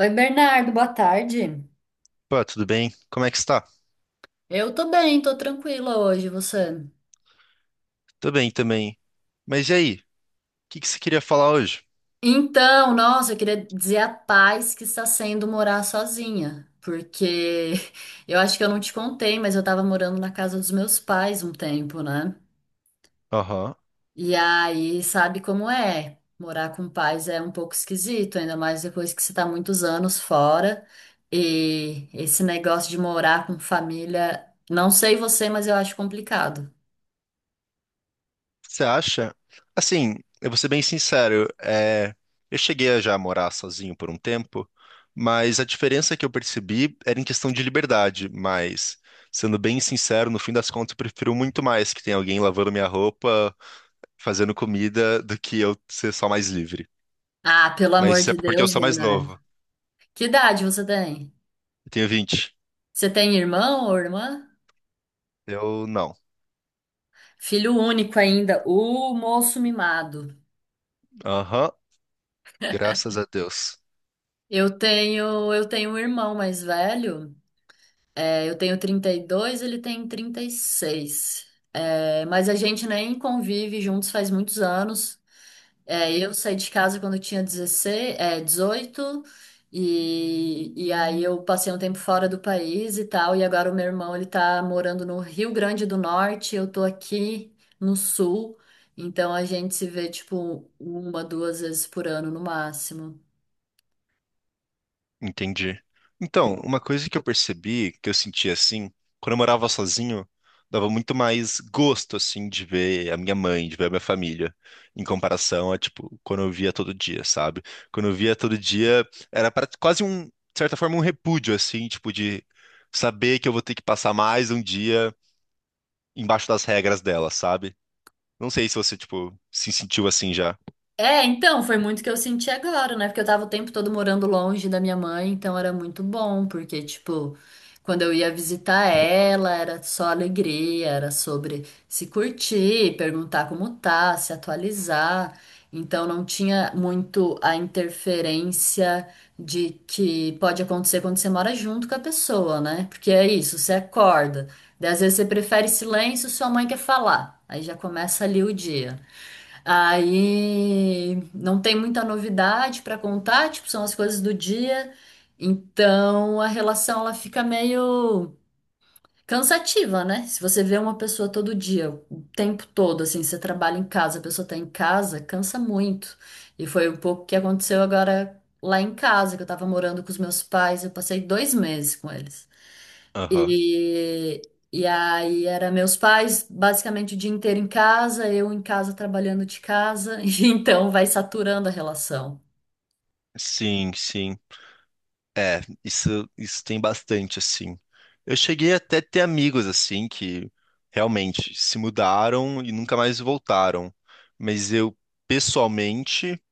Oi, Bernardo, boa tarde. Pô, tudo bem? Como é que está? Eu tô bem, tô tranquila hoje, você? Tô bem também. Mas e aí? O que que você queria falar hoje? Então, nossa, eu queria dizer a paz que está sendo morar sozinha, porque eu acho que eu não te contei, mas eu tava morando na casa dos meus pais um tempo, né? Aham. E aí, sabe como é? Morar com pais é um pouco esquisito, ainda mais depois que você tá muitos anos fora. E esse negócio de morar com família, não sei você, mas eu acho complicado. Você acha? Assim, eu vou ser bem sincero, eu cheguei a já morar sozinho por um tempo, mas a diferença que eu percebi era em questão de liberdade, mas sendo bem sincero, no fim das contas eu prefiro muito mais que tenha alguém lavando minha roupa, fazendo comida, do que eu ser só mais livre. Ah, pelo Mas amor isso é de porque eu Deus, sou mais Bernardo. novo. Que idade você tem? Eu tenho 20. Você tem irmão ou irmã? Eu não. Filho único ainda, o moço mimado. Aham. Graças a Deus. Eu tenho um irmão mais velho. É, eu tenho 32, ele tem 36. É, mas a gente nem convive juntos faz muitos anos. É, eu saí de casa quando eu tinha 16, 18, e aí eu passei um tempo fora do país e tal, e agora o meu irmão, ele tá morando no Rio Grande do Norte, eu tô aqui no Sul, então a gente se vê, tipo, uma, duas vezes por ano no máximo. Entendi. Então, uma coisa que eu percebi, que eu sentia assim, quando eu morava sozinho, dava muito mais gosto, assim, de ver a minha mãe, de ver a minha família, em comparação a, tipo, quando eu via todo dia, sabe? Quando eu via todo dia, era pra, quase um, de certa forma, um repúdio, assim, tipo, de saber que eu vou ter que passar mais um dia embaixo das regras dela, sabe? Não sei se você, tipo, se sentiu assim já. É, então, foi muito que eu senti agora, né? Porque eu tava o tempo todo morando longe da minha mãe, então era muito bom, porque, tipo, quando eu ia visitar ela, era só alegria, era sobre se curtir, perguntar como tá, se atualizar. Então não tinha muito a interferência de que pode acontecer quando você mora junto com a pessoa, né? Porque é isso, você acorda. Daí às vezes você prefere silêncio, sua mãe quer falar. Aí já começa ali o dia. Aí não tem muita novidade para contar, tipo, são as coisas do dia. Então a relação ela fica meio cansativa, né? Se você vê uma pessoa todo dia, o tempo todo, assim, você trabalha em casa, a pessoa tá em casa, cansa muito. E foi um pouco o que aconteceu agora lá em casa, que eu tava morando com os meus pais, eu passei 2 meses com eles. Aham. E aí era meus pais basicamente o dia inteiro em casa, eu em casa trabalhando de casa, e então vai saturando a relação. Sim, sim. É, isso tem bastante, assim. Eu cheguei até a ter amigos, assim, que realmente se mudaram e nunca mais voltaram. Mas eu, pessoalmente,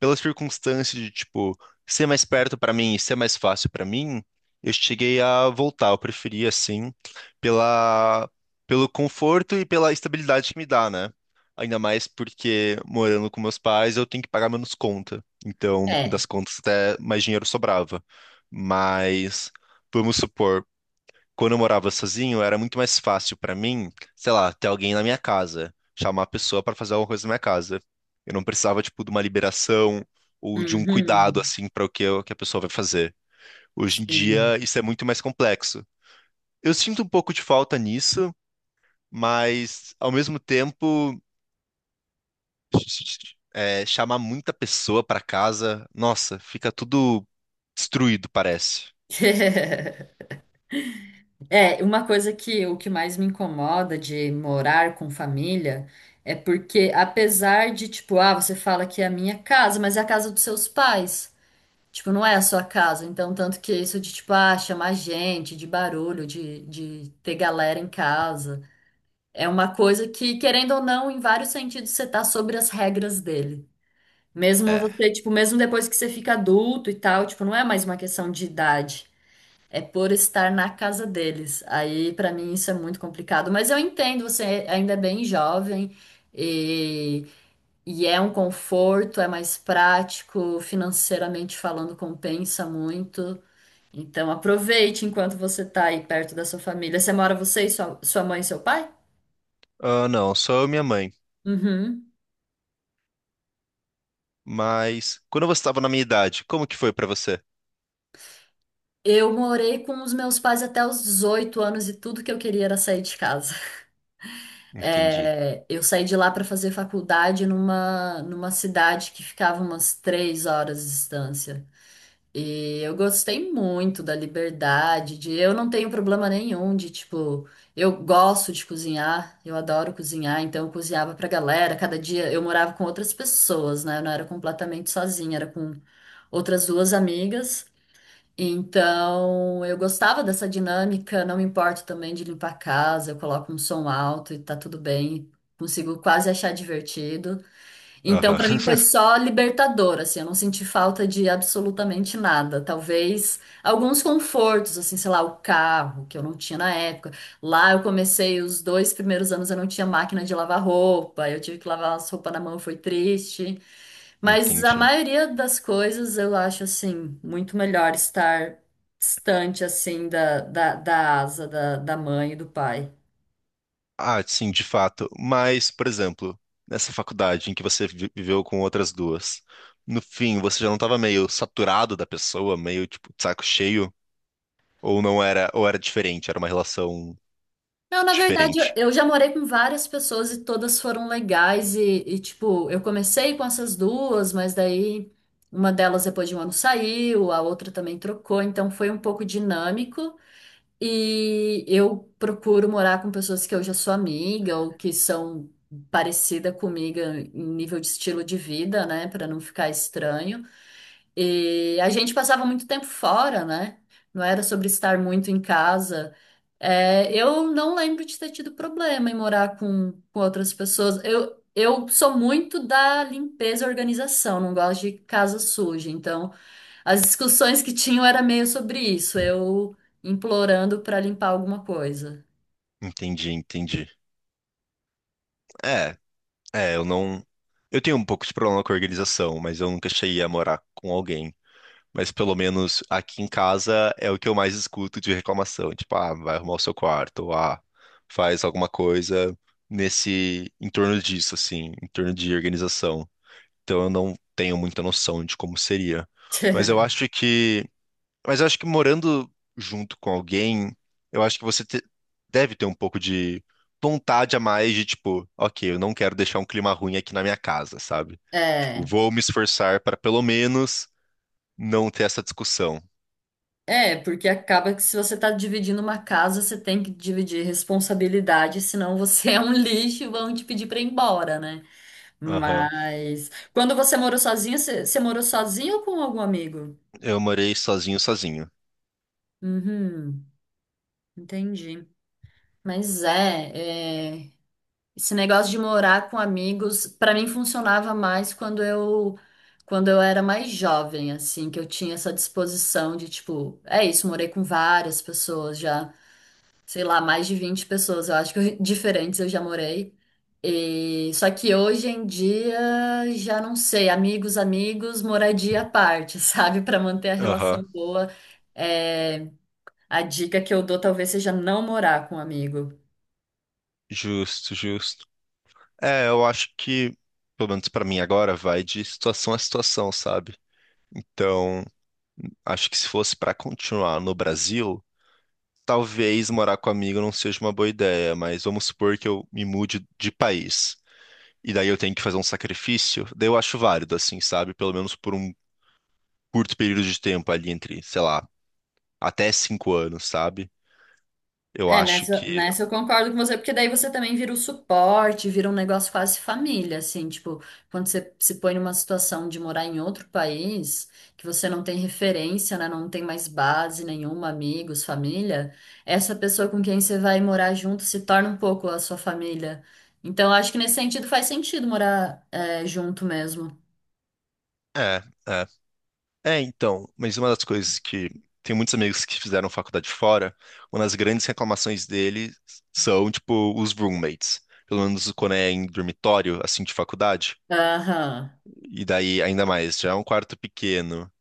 pela circunstância de, tipo, ser mais perto pra mim e ser mais fácil pra mim, eu cheguei a voltar. Eu preferi, assim, pela, pelo conforto e pela estabilidade que me dá, né? Ainda mais porque morando com meus pais, eu tenho que pagar menos conta. Então, no fim É. das contas, até mais dinheiro sobrava. Mas, vamos supor quando eu morava sozinho, era muito mais fácil pra mim, sei lá, ter alguém na minha casa, chamar a pessoa pra fazer alguma coisa na minha casa. Eu não precisava, tipo, de uma liberação ou de um cuidado, Uhum. assim, para o que, que a pessoa vai fazer. Hoje em dia, Sim. isso é muito mais complexo. Eu sinto um pouco de falta nisso, mas, ao mesmo tempo, chamar muita pessoa pra casa, nossa, fica tudo destruído, parece. É, uma coisa que o que mais me incomoda de morar com família é porque apesar de tipo, ah, você fala que é a minha casa, mas é a casa dos seus pais. Tipo, não é a sua casa. Então, tanto que isso de, tipo, ah, chamar gente, de barulho, de ter galera em casa, é uma coisa que, querendo ou não, em vários sentidos, você tá sobre as regras dele. Mesmo É. você, tipo, mesmo depois que você fica adulto e tal, tipo, não é mais uma questão de idade. É por estar na casa deles. Aí, pra mim, isso é muito complicado. Mas eu entendo, você ainda é bem jovem e, e é um conforto, é mais prático, financeiramente falando, compensa muito. Então aproveite enquanto você tá aí perto da sua família. Você mora você e sua mãe e seu pai? Ah, não, só eu e minha mãe. Uhum. Mas quando você estava na minha idade, como que foi pra você? Eu morei com os meus pais até os 18 anos e tudo que eu queria era sair de casa. Entendi. É, eu saí de lá para fazer faculdade numa cidade que ficava umas 3 horas de distância. E eu gostei muito da liberdade, de eu não tenho problema nenhum de tipo, eu gosto de cozinhar, eu adoro cozinhar, então eu cozinhava pra galera, cada dia eu morava com outras pessoas, né? Eu não era completamente sozinha, era com outras duas amigas. Então, eu gostava dessa dinâmica, não me importo também de limpar a casa, eu coloco um som alto e tá tudo bem, consigo quase achar divertido. Então, para Aham. mim foi só libertador, assim, eu não senti falta de absolutamente nada. Talvez alguns confortos, assim, sei lá, o carro, que eu não tinha na época. Lá eu comecei os dois primeiros anos, eu não tinha máquina de lavar roupa, eu tive que lavar as roupas na mão, foi triste. Mas a Entendi. maioria das coisas eu acho, assim, muito melhor estar distante, assim, da asa da mãe e do pai. Ah, sim, de fato. Mas, por exemplo, nessa faculdade em que viveu com outras duas, no fim, você já não estava meio saturado da pessoa, meio tipo de saco cheio? Ou não era, ou era diferente, era uma relação Não, na verdade, eu diferente? eu já morei com várias pessoas e todas foram legais. E, tipo, eu comecei com essas duas, mas daí uma delas depois de um ano saiu, a outra também trocou, então foi um pouco dinâmico. E eu procuro morar com pessoas que eu já sou amiga ou que são parecida comigo em nível de estilo de vida, né, pra não ficar estranho. E a gente passava muito tempo fora, né? Não era sobre estar muito em casa. É, eu não lembro de ter tido problema em morar com, outras pessoas. Eu sou muito da limpeza e organização, não gosto de casa suja. Então, as discussões que tinham era meio sobre isso, eu implorando para limpar alguma coisa. Entendi, entendi. É, é, eu não. Eu tenho um pouco de problema com a organização, mas eu nunca cheguei a morar com alguém. Mas pelo menos aqui em casa é o que eu mais escuto de reclamação. Tipo, ah, vai arrumar o seu quarto, ou, ah, faz alguma coisa nesse, em torno disso, assim, em torno de organização. Então eu não tenho muita noção de como seria. Mas eu acho que, mas eu acho que morando junto com alguém, eu acho que deve ter um pouco de vontade a mais de tipo, ok, eu não quero deixar um clima ruim aqui na minha casa, sabe? Tipo, É. vou me esforçar para pelo menos não ter essa discussão. É, porque acaba que se você tá dividindo uma casa, você tem que dividir responsabilidade, senão você é um lixo e vão te pedir pra ir embora, né? Aham. Mas quando você morou sozinha, você morou sozinha ou com algum amigo? Eu morei sozinho, sozinho. Uhum, entendi. Mas esse negócio de morar com amigos, pra mim funcionava mais quando eu era mais jovem, assim, que eu tinha essa disposição de tipo, é isso, morei com várias pessoas já. Sei lá, mais de 20 pessoas, eu acho que diferentes eu já morei. E, só que hoje em dia já não sei, amigos, amigos, moradia à parte, sabe? Para manter a relação Aham. boa. É, a dica que eu dou talvez seja não morar com um amigo. Justo, justo. É, eu acho que, pelo menos pra mim agora, vai de situação a situação, sabe? Então, acho que se fosse pra continuar no Brasil, talvez morar com amigo não seja uma boa ideia, mas vamos supor que eu me mude de país. E daí eu tenho que fazer um sacrifício, daí eu acho válido, assim, sabe? Pelo menos por um curto período de tempo ali entre, sei lá, até 5 anos, sabe? Eu É, acho nessa, que. nessa eu concordo com você, porque daí você também vira o suporte, vira um negócio quase família, assim, tipo, quando você se põe numa situação de morar em outro país, que você não tem referência, né, não tem mais base nenhuma, amigos, família, essa pessoa com quem você vai morar junto se torna um pouco a sua família. Então, eu acho que nesse sentido faz sentido morar, junto mesmo. É, é. É, então, mas uma das coisas que tem muitos amigos que fizeram faculdade fora, uma das grandes reclamações deles são, tipo, os roommates. Pelo menos quando é em dormitório, assim, de faculdade. Aham. E daí, ainda mais, já é um quarto pequeno,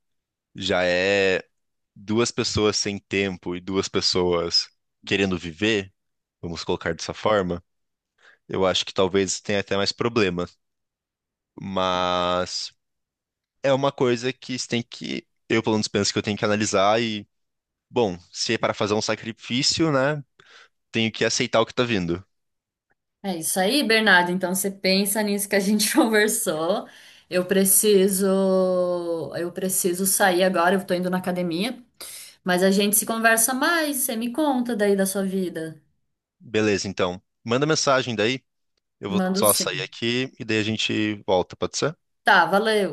já é duas pessoas sem tempo e duas pessoas querendo viver, vamos colocar dessa forma. Eu acho que talvez tenha até mais problema. Mas é uma coisa que você tem que. Eu, pelo menos, penso que eu tenho que analisar Bom, se é para fazer um sacrifício, né? Tenho que aceitar o que tá vindo. É isso aí, Bernardo. Então você pensa nisso que a gente conversou. Eu preciso, eu preciso sair agora, eu tô indo na academia, mas a gente se conversa mais, você me conta daí da sua vida. Beleza, então. Manda mensagem daí. Eu vou Mando só sair sim. aqui e daí a gente volta, pode ser? Tá, valeu.